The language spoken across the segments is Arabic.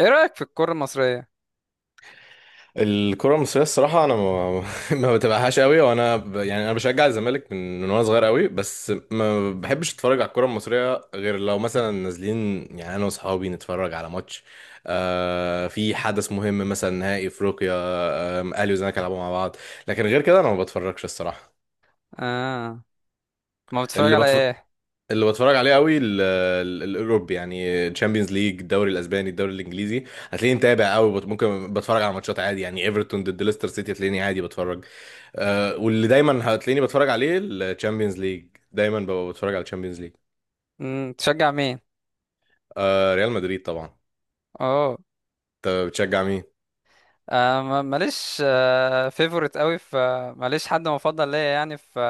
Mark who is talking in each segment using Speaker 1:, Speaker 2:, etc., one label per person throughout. Speaker 1: ايه رأيك في الكرة المصرية؟
Speaker 2: الكرة المصرية الصراحة أنا ما, ما بتابعهاش قوي يعني أنا بشجع الزمالك من وأنا صغير قوي، بس ما بحبش أتفرج على الكرة المصرية غير لو مثلا نازلين. يعني أنا وأصحابي نتفرج على ماتش آه في حدث مهم مثلا نهائي أفريقيا، آه الأهلي والزمالك يلعبوا مع بعض. لكن غير كده أنا ما بتفرجش الصراحة.
Speaker 1: اه، ما بتتفرج
Speaker 2: اللي
Speaker 1: على
Speaker 2: بتف...
Speaker 1: ايه؟
Speaker 2: اللي بتفرج عليه قوي الأوروبي، يعني تشامبيونز ليج، الدوري الأسباني، الدوري الإنجليزي، هتلاقيني متابع قوي. ممكن بتفرج على ماتشات عادي، يعني ايفرتون ضد ليستر سيتي هتلاقيني عادي بتفرج. آه واللي دايما هتلاقيني بتفرج عليه الشامبيونز ليج، دايما ببقى بتفرج على الشامبيونز ليج.
Speaker 1: امم، تشجع مين؟
Speaker 2: آه ريال مدريد طبعا.
Speaker 1: اوه،
Speaker 2: انت بتشجع مين؟
Speaker 1: آه ماليش آه فيفورت قوي في. ماليش حد مفضل ليا يعني في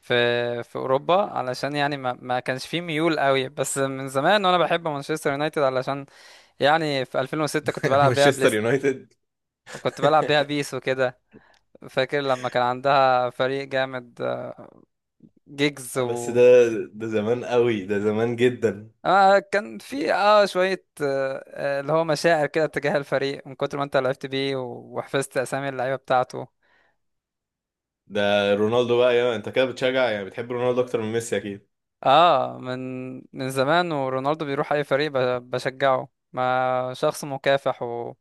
Speaker 1: في في اوروبا، علشان يعني ما كانش فيه ميول قوي، بس من زمان وانا بحب مانشستر يونايتد، علشان يعني في 2006 كنت بلعب بيها
Speaker 2: مانشستر
Speaker 1: بليست،
Speaker 2: يونايتد.
Speaker 1: وكنت بلعب بيها بيس وكده. فاكر لما كان عندها فريق جامد، آه، جيجز
Speaker 2: بس ده،
Speaker 1: و
Speaker 2: ده زمان قوي، ده زمان جدا
Speaker 1: آه كان في شوية اللي هو مشاعر كده تجاه الفريق من كتر ما انت لعبت بيه وحفظت اسامي اللعيبة بتاعته.
Speaker 2: ده. رونالدو بقى، يا انت كده بتشجع، يعني بتحب رونالدو اكتر من ميسي اكيد.
Speaker 1: اه، من زمان، ورونالدو بيروح اي فريق بشجعه، ما شخص مكافح و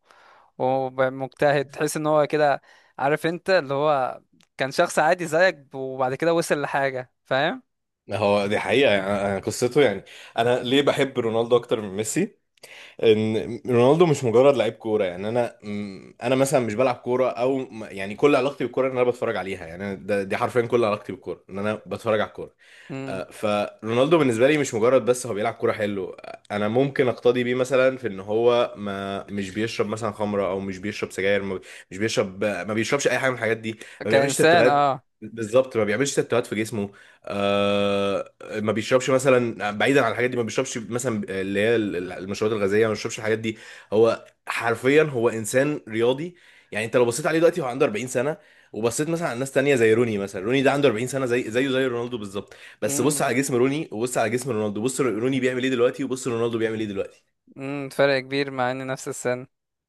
Speaker 1: ومجتهد، تحس ان هو كده. عارف انت اللي هو كان شخص عادي زيك، وبعد كده وصل لحاجة، فاهم.
Speaker 2: هو دي حقيقة، يعني أنا قصته، يعني أنا ليه بحب رونالدو أكتر من ميسي؟ ان رونالدو مش مجرد لعيب كوره، يعني انا مثلا مش بلعب كوره يعني كل علاقتي بالكوره ان انا بتفرج عليها، يعني أنا ده دي حرفيا كل علاقتي بالكوره ان انا بتفرج على الكوره.
Speaker 1: امم،
Speaker 2: آه، فرونالدو بالنسبه لي مش مجرد بس هو بيلعب كوره حلو، آه، انا ممكن اقتدي بيه مثلا في ان هو ما مش بيشرب مثلا خمره او مش بيشرب سجاير، ما بي- مش بيشرب، آه، ما بيشربش اي حاجه من الحاجات دي، ما بيعملش
Speaker 1: كإنسان
Speaker 2: تاتوهات.
Speaker 1: اه.
Speaker 2: بالظبط ما بيعملش تاتوهات في جسمه، آه، ما بيشربش مثلا. بعيدا عن الحاجات دي، ما بيشربش مثلا اللي هي المشروبات الغازيه، ما بيشربش الحاجات دي. هو حرفيا هو انسان رياضي. يعني انت لو بصيت عليه دلوقتي هو عنده 40 سنه، وبصيت مثلا على ناس تانية زي روني، مثلا روني ده عنده 40 سنه زي زيه زي رونالدو بالظبط، بس بص
Speaker 1: امم.
Speaker 2: على جسم روني وبص على جسم رونالدو، بص روني بيعمل ايه دلوقتي وبص رونالدو بيعمل ايه دلوقتي.
Speaker 1: امم، فرق كبير مع ان نفس السن.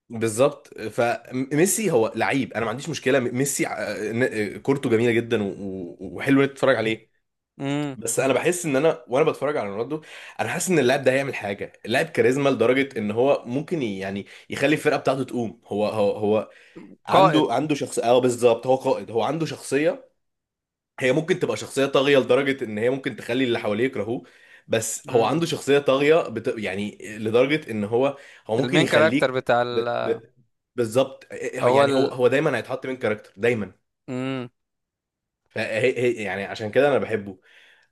Speaker 2: بالظبط، فميسي هو لعيب انا ما عنديش مشكله ميسي، آه، كورته جميله جدا وحلو انك تتفرج عليه.
Speaker 1: امم،
Speaker 2: بس انا بحس ان انا وانا بتفرج على رونالدو، انا حاسس ان اللاعب ده هيعمل حاجه، اللاعب كاريزما لدرجه ان هو ممكن يعني يخلي الفرقه بتاعته تقوم. هو هو هو
Speaker 1: قائد.
Speaker 2: عنده عنده شخصيه، اه بالظبط هو قائد، هو عنده شخصيه، هي ممكن تبقى شخصية طاغية لدرجة إن هي ممكن تخلي اللي حواليه يكرهوه. بس هو عنده شخصية طاغية يعني لدرجة إن هو، هو ممكن
Speaker 1: المين كاركتر
Speaker 2: يخليك،
Speaker 1: بتاع
Speaker 2: ب...
Speaker 1: ال
Speaker 2: ب... بالظبط.
Speaker 1: هو
Speaker 2: يعني هو
Speaker 1: ال.
Speaker 2: هو دايما هيتحط من كاركتر دايما.
Speaker 1: مم.
Speaker 2: يعني عشان كده أنا بحبه.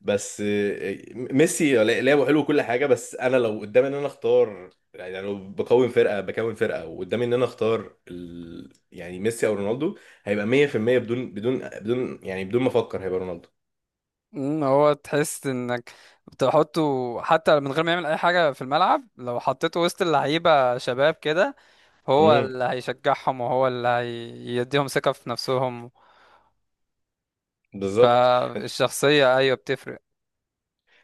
Speaker 2: بس آه، ميسي لعبه حلو كل حاجة. بس أنا لو قدامي إن أنا أختار، يعني لو بكون فرقة بكون فرقة وقدامي إن أنا أختار يعني ميسي أو رونالدو، هيبقى 100% بدون يعني بدون ما أفكر، هيبقى
Speaker 1: مم. هو تحس انك بتحطه حتى من غير ما يعمل اي حاجة في الملعب، لو حطيته وسط اللعيبة شباب كده هو
Speaker 2: رونالدو.
Speaker 1: اللي هيشجعهم، وهو اللي هيديهم ثقة في نفسهم.
Speaker 2: بالظبط،
Speaker 1: فالشخصية، ايوه، بتفرق.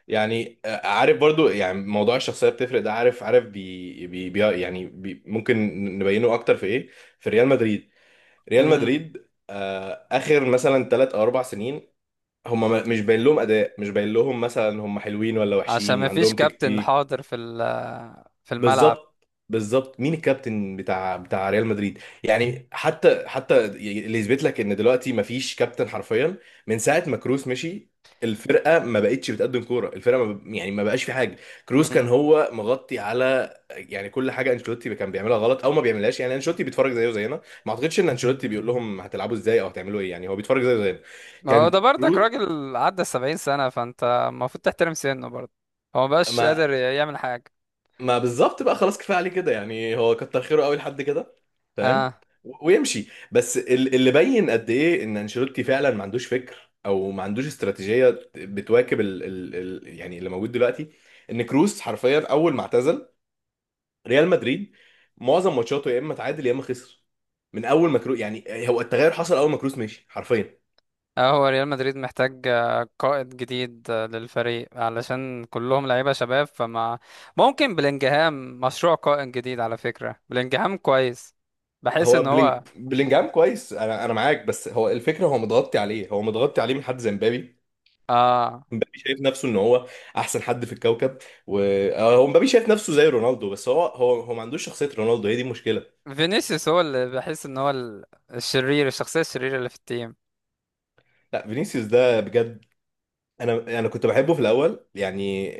Speaker 2: يعني آه، عارف برضو يعني موضوع الشخصيه بتفرق ده، عارف عارف بي بي بي يعني بي ممكن نبينه اكتر في ايه؟ في ريال مدريد. ريال
Speaker 1: مم.
Speaker 2: مدريد آه اخر مثلا ثلاث او اربع سنين، هم مش باين لهم اداء، مش باين لهم مثلا هم حلوين ولا
Speaker 1: عشان
Speaker 2: وحشين،
Speaker 1: ما فيش
Speaker 2: عندهم
Speaker 1: كابتن
Speaker 2: تكتيك.
Speaker 1: حاضر في ال في الملعب.
Speaker 2: بالظبط بالظبط مين الكابتن بتاع ريال مدريد؟ يعني حتى اللي يثبت لك ان دلوقتي مفيش كابتن حرفيا، من ساعه ما كروس مشي الفرقه ما بقتش بتقدم كوره، الفرقه ما ب... يعني ما بقاش في حاجه. كروس كان
Speaker 1: مم.
Speaker 2: هو مغطي على، يعني كل حاجه انشيلوتي كان بيعملها غلط او ما بيعملهاش، يعني انشيلوتي بيتفرج زيه زينا، ما اعتقدش ان انشيلوتي بيقول لهم هتلعبوا ازاي او هتعملوا ايه، يعني هو بيتفرج زيه زينا.
Speaker 1: ما هو ده
Speaker 2: كان
Speaker 1: برضك
Speaker 2: كروس،
Speaker 1: راجل عدى 70 سنة، فانت المفروض تحترم سنه برضه. هو مبقاش
Speaker 2: ما
Speaker 1: قادر يعمل حاجة.
Speaker 2: ما بالظبط بقى خلاص كفايه عليه كده، يعني هو كتر خيره قوي لحد كده فاهم،
Speaker 1: اه.
Speaker 2: ويمشي. بس اللي بين قد ايه ان انشيلوتي فعلا ما عندوش فكر او ما عندوش استراتيجيه بتواكب ال ال ال يعني اللي موجود دلوقتي، ان كروس حرفيا اول ما اعتزل ريال مدريد معظم ماتشاته يا اما تعادل يا اما خسر. من اول ما كروس، يعني هو التغير حصل اول ما كروس مشي حرفيا.
Speaker 1: اه، هو ريال مدريد محتاج آه، قائد جديد آه، للفريق، علشان كلهم لعيبة شباب فما. ممكن بلينجهام مشروع قائد جديد. على فكرة بلينجهام كويس، بحس
Speaker 2: هو
Speaker 1: ان هو.
Speaker 2: بلينجهام كويس، انا معاك، بس هو الفكره هو متغطي عليه، هو متغطي عليه من حد زي مبابي.
Speaker 1: اه،
Speaker 2: مبابي شايف نفسه ان هو احسن حد في الكوكب، و آه، هو مبابي شايف نفسه زي رونالدو بس هو ما عندوش شخصية رونالدو، هي دي المشكلة.
Speaker 1: فينيسيوس هو اللي بحس ان هو الشرير، الشخصية الشريرة اللي في التيم.
Speaker 2: لا فينيسيوس ده بجد، انا كنت بحبه في الاول يعني،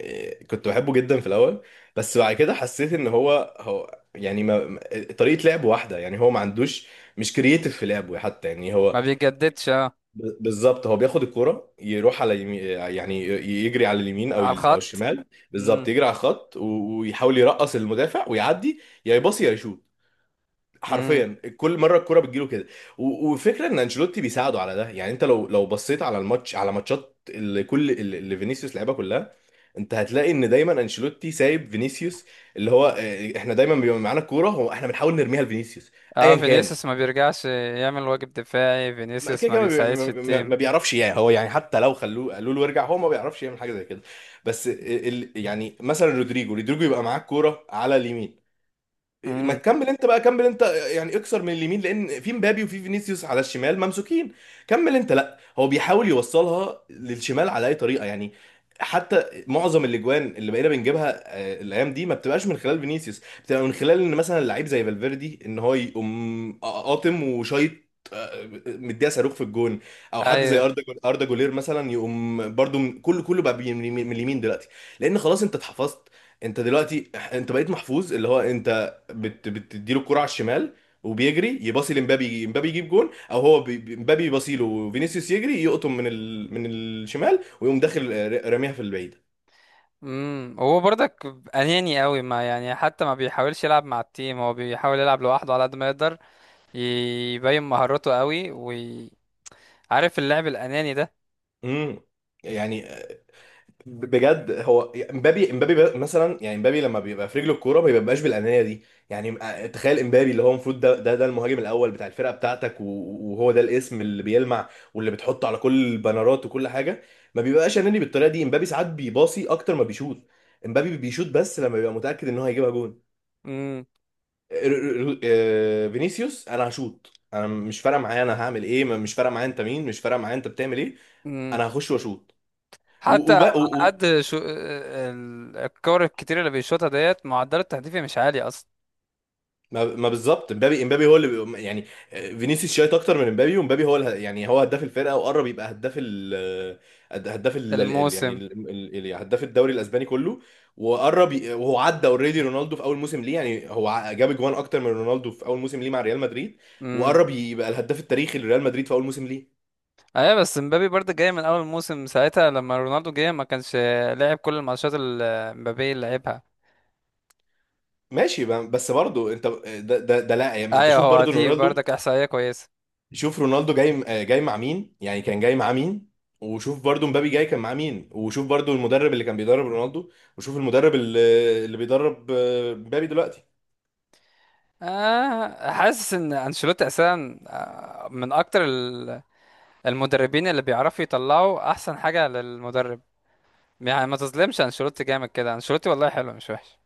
Speaker 2: آه، كنت بحبه جدا في الاول. بس بعد كده حسيت ان هو يعني طريقة لعبه واحدة، يعني هو ما عندوش، مش كرييتيف في لعبه حتى يعني هو،
Speaker 1: ما بيجددش اه.
Speaker 2: بالظبط هو بياخد الكرة يروح على يمين، يعني يجري على اليمين
Speaker 1: على
Speaker 2: او
Speaker 1: الخط.
Speaker 2: الشمال.
Speaker 1: امم.
Speaker 2: بالظبط يجري على الخط، ويحاول يرقص المدافع ويعدي يا يباصي يا يشوط.
Speaker 1: امم.
Speaker 2: حرفيا كل مره الكرة بتجيله كده، وفكره ان انشيلوتي بيساعده على ده. يعني انت لو بصيت على الماتش، على ماتشات اللي كل اللي اللي فينيسيوس لعبها كلها، انت هتلاقي ان دايما انشيلوتي سايب فينيسيوس، اللي هو آه، احنا دايما بيبقى معانا الكوره، هو احنا بنحاول نرميها لفينيسيوس ايا
Speaker 1: اه،
Speaker 2: كان.
Speaker 1: فينيسيوس ما بيرجعش يعمل واجب دفاعي،
Speaker 2: ما
Speaker 1: فينيسيوس
Speaker 2: كده
Speaker 1: ما
Speaker 2: كده ما بي-
Speaker 1: بيساعدش
Speaker 2: ما- ما-
Speaker 1: التيم.
Speaker 2: ما بيعرفش، يعني هو، يعني حتى لو خلوه قالوا له ارجع هو ما بيعرفش يعمل حاجه زي كده. بس يعني مثلا رودريجو، يبقى معاه الكوره على اليمين، ما
Speaker 1: امم.
Speaker 2: تكمل انت بقى، كمل انت. يعني اكسر من اليمين لان في مبابي وفي فينيسيوس على الشمال ممسوكين، كمل انت. لا هو بيحاول يوصلها للشمال على اي طريقه يعني. حتى معظم الاجوان اللي بقينا بنجيبها آه، الايام دي ما بتبقاش من خلال فينيسيوس، بتبقى من خلال ان مثلا لعيب زي فالفيردي ان هو يقوم قاطم وشايط، آه، مديها صاروخ في الجون. او حد زي
Speaker 1: ايوه.
Speaker 2: اردا جولير مثلا يقوم برضو من اليمين دلوقتي، لان خلاص انت اتحفظت. انت دلوقتي انت بقيت محفوظ، اللي هو انت بتديله الكرة على الشمال، وبيجري يباصي لمبابي، امبابي يجيب جون، او هو بي- بي- امبابي يباصي له وفينيسيوس يجري يقطم من الشمال ويقوم داخل آه، راميها في البعيدة.
Speaker 1: امم. هو برضك اناني قوي، ما يعني حتى ما بيحاولش يلعب مع التيم، هو بيحاول يلعب لوحده على قد ما يقدر، يبين مهارته قوي. وعارف اللعب الاناني ده.
Speaker 2: امم، يعني بجد هو، مثلا يعني امبابي لما بيبقى في رجله الكوره ما بيبقاش بالانانيه دي، يعني آه، تخيل امبابي اللي هو المفروض ده المهاجم الاول بتاع الفرقه بتاعتك، وهو ده الاسم اللي بيلمع واللي بتحطه على كل البنرات وكل حاجه، ما بيبقاش اناني بالطريقه دي. امبابي ساعات بيباصي اكتر ما بيشوط، امبابي بيشوط بس لما بيبقى متاكد ان هو هيجيبها جون.
Speaker 1: امم.
Speaker 2: آه، فينيسيوس انا هشوط، انا مش فارقه معايا انا هعمل ايه، مش فارقه معايا انت مين، مش فارقه معايا انت بتعمل ايه،
Speaker 1: امم.
Speaker 2: انا هخش واشوط.
Speaker 1: حتى على قد شو آه، الكور الكتير اللي بيشوطها، ديت معدل التهديفي مش عالي اصلا.
Speaker 2: ما ما بالظبط مبابي، امبابي هو اللي يعني فينيسيوس شايط اكتر من امبابي، ومبابي هو يعني هو هداف الفرقه وقرب يبقى هداف يعني
Speaker 1: الموسم.
Speaker 2: يعني هداف الدوري الاسباني كله. وهو عدى اوريدي رونالدو في اول موسم ليه، يعني هو جاب جوان اكتر من رونالدو في اول موسم ليه مع ريال مدريد،
Speaker 1: امم.
Speaker 2: وقرب يبقى الهداف التاريخي لريال مدريد في اول موسم ليه.
Speaker 1: ايوه، بس مبابي برضه جاي من اول موسم، ساعتها لما رونالدو جه ما كانش لعب كل الماتشات اللي مبابي اللي لعبها.
Speaker 2: ماشي بس برضه انت ده لا، يعني انت
Speaker 1: ايوه،
Speaker 2: شوف
Speaker 1: هو
Speaker 2: برضه
Speaker 1: دي
Speaker 2: رونالدو،
Speaker 1: برضك احصائيه كويسه.
Speaker 2: شوف رونالدو جاي آه، جاي مع مين، يعني كان جاي مع مين، وشوف برضو مبابي جاي كان مع مين، وشوف برضو المدرب اللي كان بيدرب رونالدو، وشوف المدرب اللي بيدرب آه، مبابي دلوقتي.
Speaker 1: آه، حاسس ان انشيلوتي اساسا آه، من اكتر المدربين اللي بيعرفوا يطلعوا احسن حاجه للمدرب. يعني ما تظلمش انشيلوتي، جامد كده انشيلوتي، والله حلو مش وحش.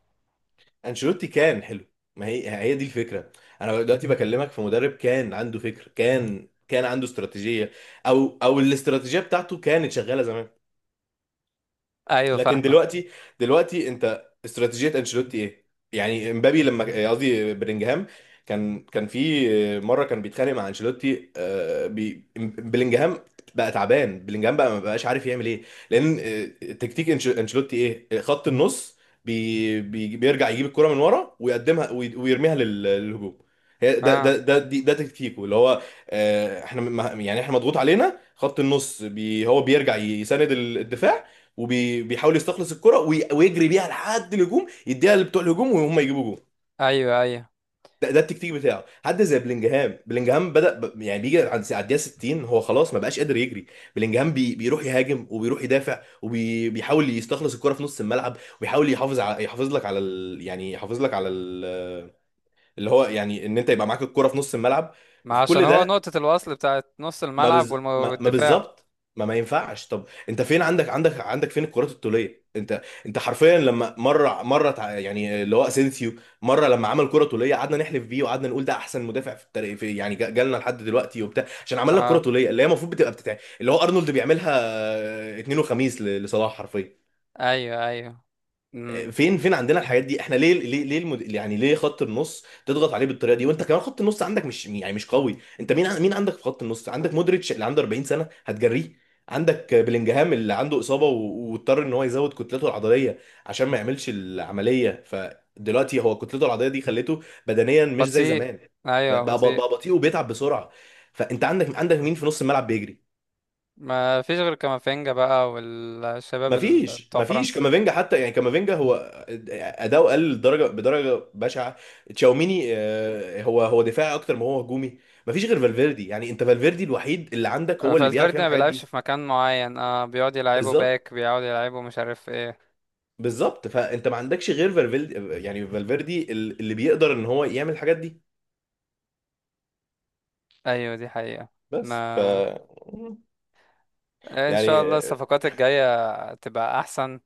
Speaker 2: انشيلوتي كان حلو، ما هي هي دي الفكرة. انا دلوقتي بكلمك في مدرب كان عنده فكر، كان عنده استراتيجية، او الاستراتيجية بتاعته كانت شغالة زمان،
Speaker 1: ايوه،
Speaker 2: لكن
Speaker 1: فاهمك.
Speaker 2: دلوقتي، دلوقتي انت استراتيجيه انشيلوتي ايه؟ يعني امبابي لما قصدي بلينجهام كان في مره كان بيتخانق مع انشيلوتي آه، بلينجهام، بقى تعبان بلينجهام بقى ما بقاش عارف يعمل ايه. لان آه، تكتيك انشيلوتي ايه؟ خط النص، بي بي بيرجع يجيب الكره من ورا ويقدمها ويرميها للهجوم. هي
Speaker 1: اه.
Speaker 2: ده تكتيكه اللي هو آه، احنا يعني احنا مضغوط علينا خط النص بي، هو بيرجع يساند الدفاع وبيحاول يستخلص الكرة ويجري بيها لحد الهجوم، يديها لبتوع الهجوم وهم يجيبوا جول.
Speaker 1: ايوه، ايوه.
Speaker 2: ده التكتيك بتاعه. حد زي بلينجهام، بدأ يعني بيجي عند على الدقيقة 60 هو خلاص ما بقاش قادر يجري. بلينجهام بيروح يهاجم وبيروح يدافع وبيحاول يستخلص الكرة في نص الملعب، وبيحاول يحافظ على، يحافظ لك على يعني يحافظ لك على اللي هو يعني ان انت يبقى معاك الكرة في نص الملعب.
Speaker 1: ما
Speaker 2: وفي
Speaker 1: عشان
Speaker 2: كل
Speaker 1: هو
Speaker 2: ده،
Speaker 1: نقطه الوصل بتاعت نص الملعب
Speaker 2: ما
Speaker 1: والدفاع.
Speaker 2: بالظبط، ما ما ينفعش. طب انت فين، عندك فين الكرات الطوليه؟ انت حرفيا لما يعني اللي هو اسينسيو مره لما عمل كره طوليه قعدنا نحلف بيه، وقعدنا نقول ده احسن مدافع في التاريخ في، يعني جالنا لحد دلوقتي وبتاع عشان عمل لك كره
Speaker 1: اه،
Speaker 2: طوليه اللي هي المفروض اللي هو ارنولد بيعملها آه، اتنين وخميس لصلاح حرفيا.
Speaker 1: ايوه، ايوه. امم.
Speaker 2: فين عندنا الحاجات دي؟ احنا ليه يعني ليه خط النص تضغط عليه بالطريقه دي وانت كمان خط النص عندك مش، يعني مش قوي؟ انت مين مين عندك في خط النص؟ عندك مودريتش اللي عنده 40 سنه هتجريه؟ عندك بلينجهام اللي عنده اصابه واضطر ان هو يزود كتلته العضليه عشان ما يعملش العمليه، فدلوقتي هو كتلته العضليه دي خلته بدنيا مش زي
Speaker 1: بطيء.
Speaker 2: زمان،
Speaker 1: ايوه،
Speaker 2: بقى بقى
Speaker 1: بطيء.
Speaker 2: بقى بطيء وبيتعب بسرعه. فانت عندك مين في نص الملعب بيجري؟
Speaker 1: ما فيش غير كامافينجا بقى والشباب
Speaker 2: مفيش
Speaker 1: بتوع
Speaker 2: مفيش
Speaker 1: فرنسا.
Speaker 2: كامافينجا حتى، يعني كامافينجا هو اداؤه قل لدرجه بدرجه بشعه. تشاوميني آه، هو دفاعي اكتر ما هو هجومي. مفيش غير فالفيردي، يعني انت فالفيردي الوحيد اللي عندك هو اللي بيعرف
Speaker 1: فالفيردي
Speaker 2: يعمل
Speaker 1: ما
Speaker 2: الحاجات
Speaker 1: بيلعبش
Speaker 2: دي.
Speaker 1: في مكان معين، اه، بيقعد يلعبه
Speaker 2: بالظبط
Speaker 1: باك، بيقعد يلعبه مش عارف ايه.
Speaker 2: بالظبط فانت ما عندكش غير فالفيردي، يعني فالفيردي اللي بيقدر ان هو يعمل الحاجات دي.
Speaker 1: ايوه، دي حقيقة. ما
Speaker 2: بس ف
Speaker 1: ان شاء الله
Speaker 2: يعني
Speaker 1: الصفقات الجاية تبقى احسن.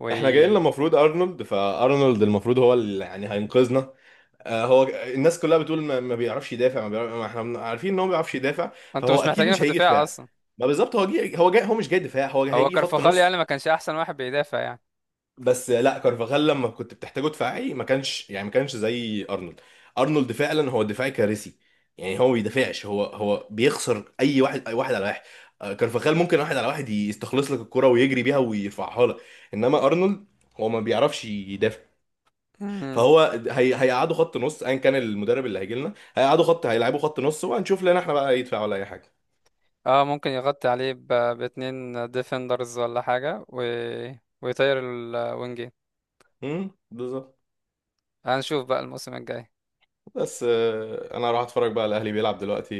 Speaker 1: و
Speaker 2: احنا جايين لنا المفروض ارنولد، فارنولد المفروض هو اللي يعني هينقذنا، آه، هو. الناس كلها بتقول ما ما بيعرفش يدافع، ما احنا عارفين ان هو ما بيعرفش يدافع،
Speaker 1: انتوا
Speaker 2: فهو
Speaker 1: مش
Speaker 2: اكيد
Speaker 1: محتاجين
Speaker 2: مش
Speaker 1: في
Speaker 2: هيجي
Speaker 1: الدفاع
Speaker 2: دفاع.
Speaker 1: اصلا.
Speaker 2: ما بالظبط، هو هو جاي، هو مش جاي دفاع، هو
Speaker 1: هو
Speaker 2: هيجي خط
Speaker 1: كارفاخال يعني
Speaker 2: نص.
Speaker 1: ما كانش احسن واحد بيدافع يعني.
Speaker 2: بس لا كارفاخال لما كنت بتحتاجه دفاعي ما كانش، يعني ما كانش زي ارنولد. ارنولد فعلا هو دفاعي كارثي، يعني هو ما بيدافعش، هو بيخسر اي واحد، اي واحد على واحد. آه، كارفاخال ممكن واحد على واحد يستخلص لك الكرة ويجري بيها ويرفعها لك، انما ارنولد، هو ما بيعرفش يدافع.
Speaker 1: مم.
Speaker 2: فهو هيقعدوا خط نص ايا كان المدرب اللي هيجي لنا، هيقعدوا هيلعبوا خط نص وهنشوف لنا احنا بقى يدفع ولا اي حاجه.
Speaker 1: اه، ممكن يغطي عليه باتنين ديفندرز ولا حاجة و ويطير الوينجين.
Speaker 2: بالظبط.
Speaker 1: هنشوف بقى الموسم الجاي.
Speaker 2: بس آه، انا راح اتفرج بقى على الاهلي بيلعب دلوقتي،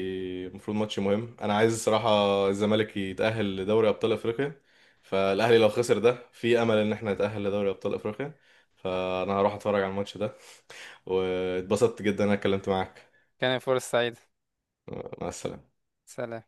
Speaker 2: المفروض ماتش مهم، انا عايز الصراحه الزمالك يتاهل لدوري ابطال افريقيا، فالاهلي لو خسر ده في امل ان احنا نتاهل لدوري ابطال افريقيا، فانا هروح اتفرج على الماتش ده. واتبسطت جدا إن انا اتكلمت معاك.
Speaker 1: كان فرصة سعيدة.
Speaker 2: مع السلامه.
Speaker 1: سلام.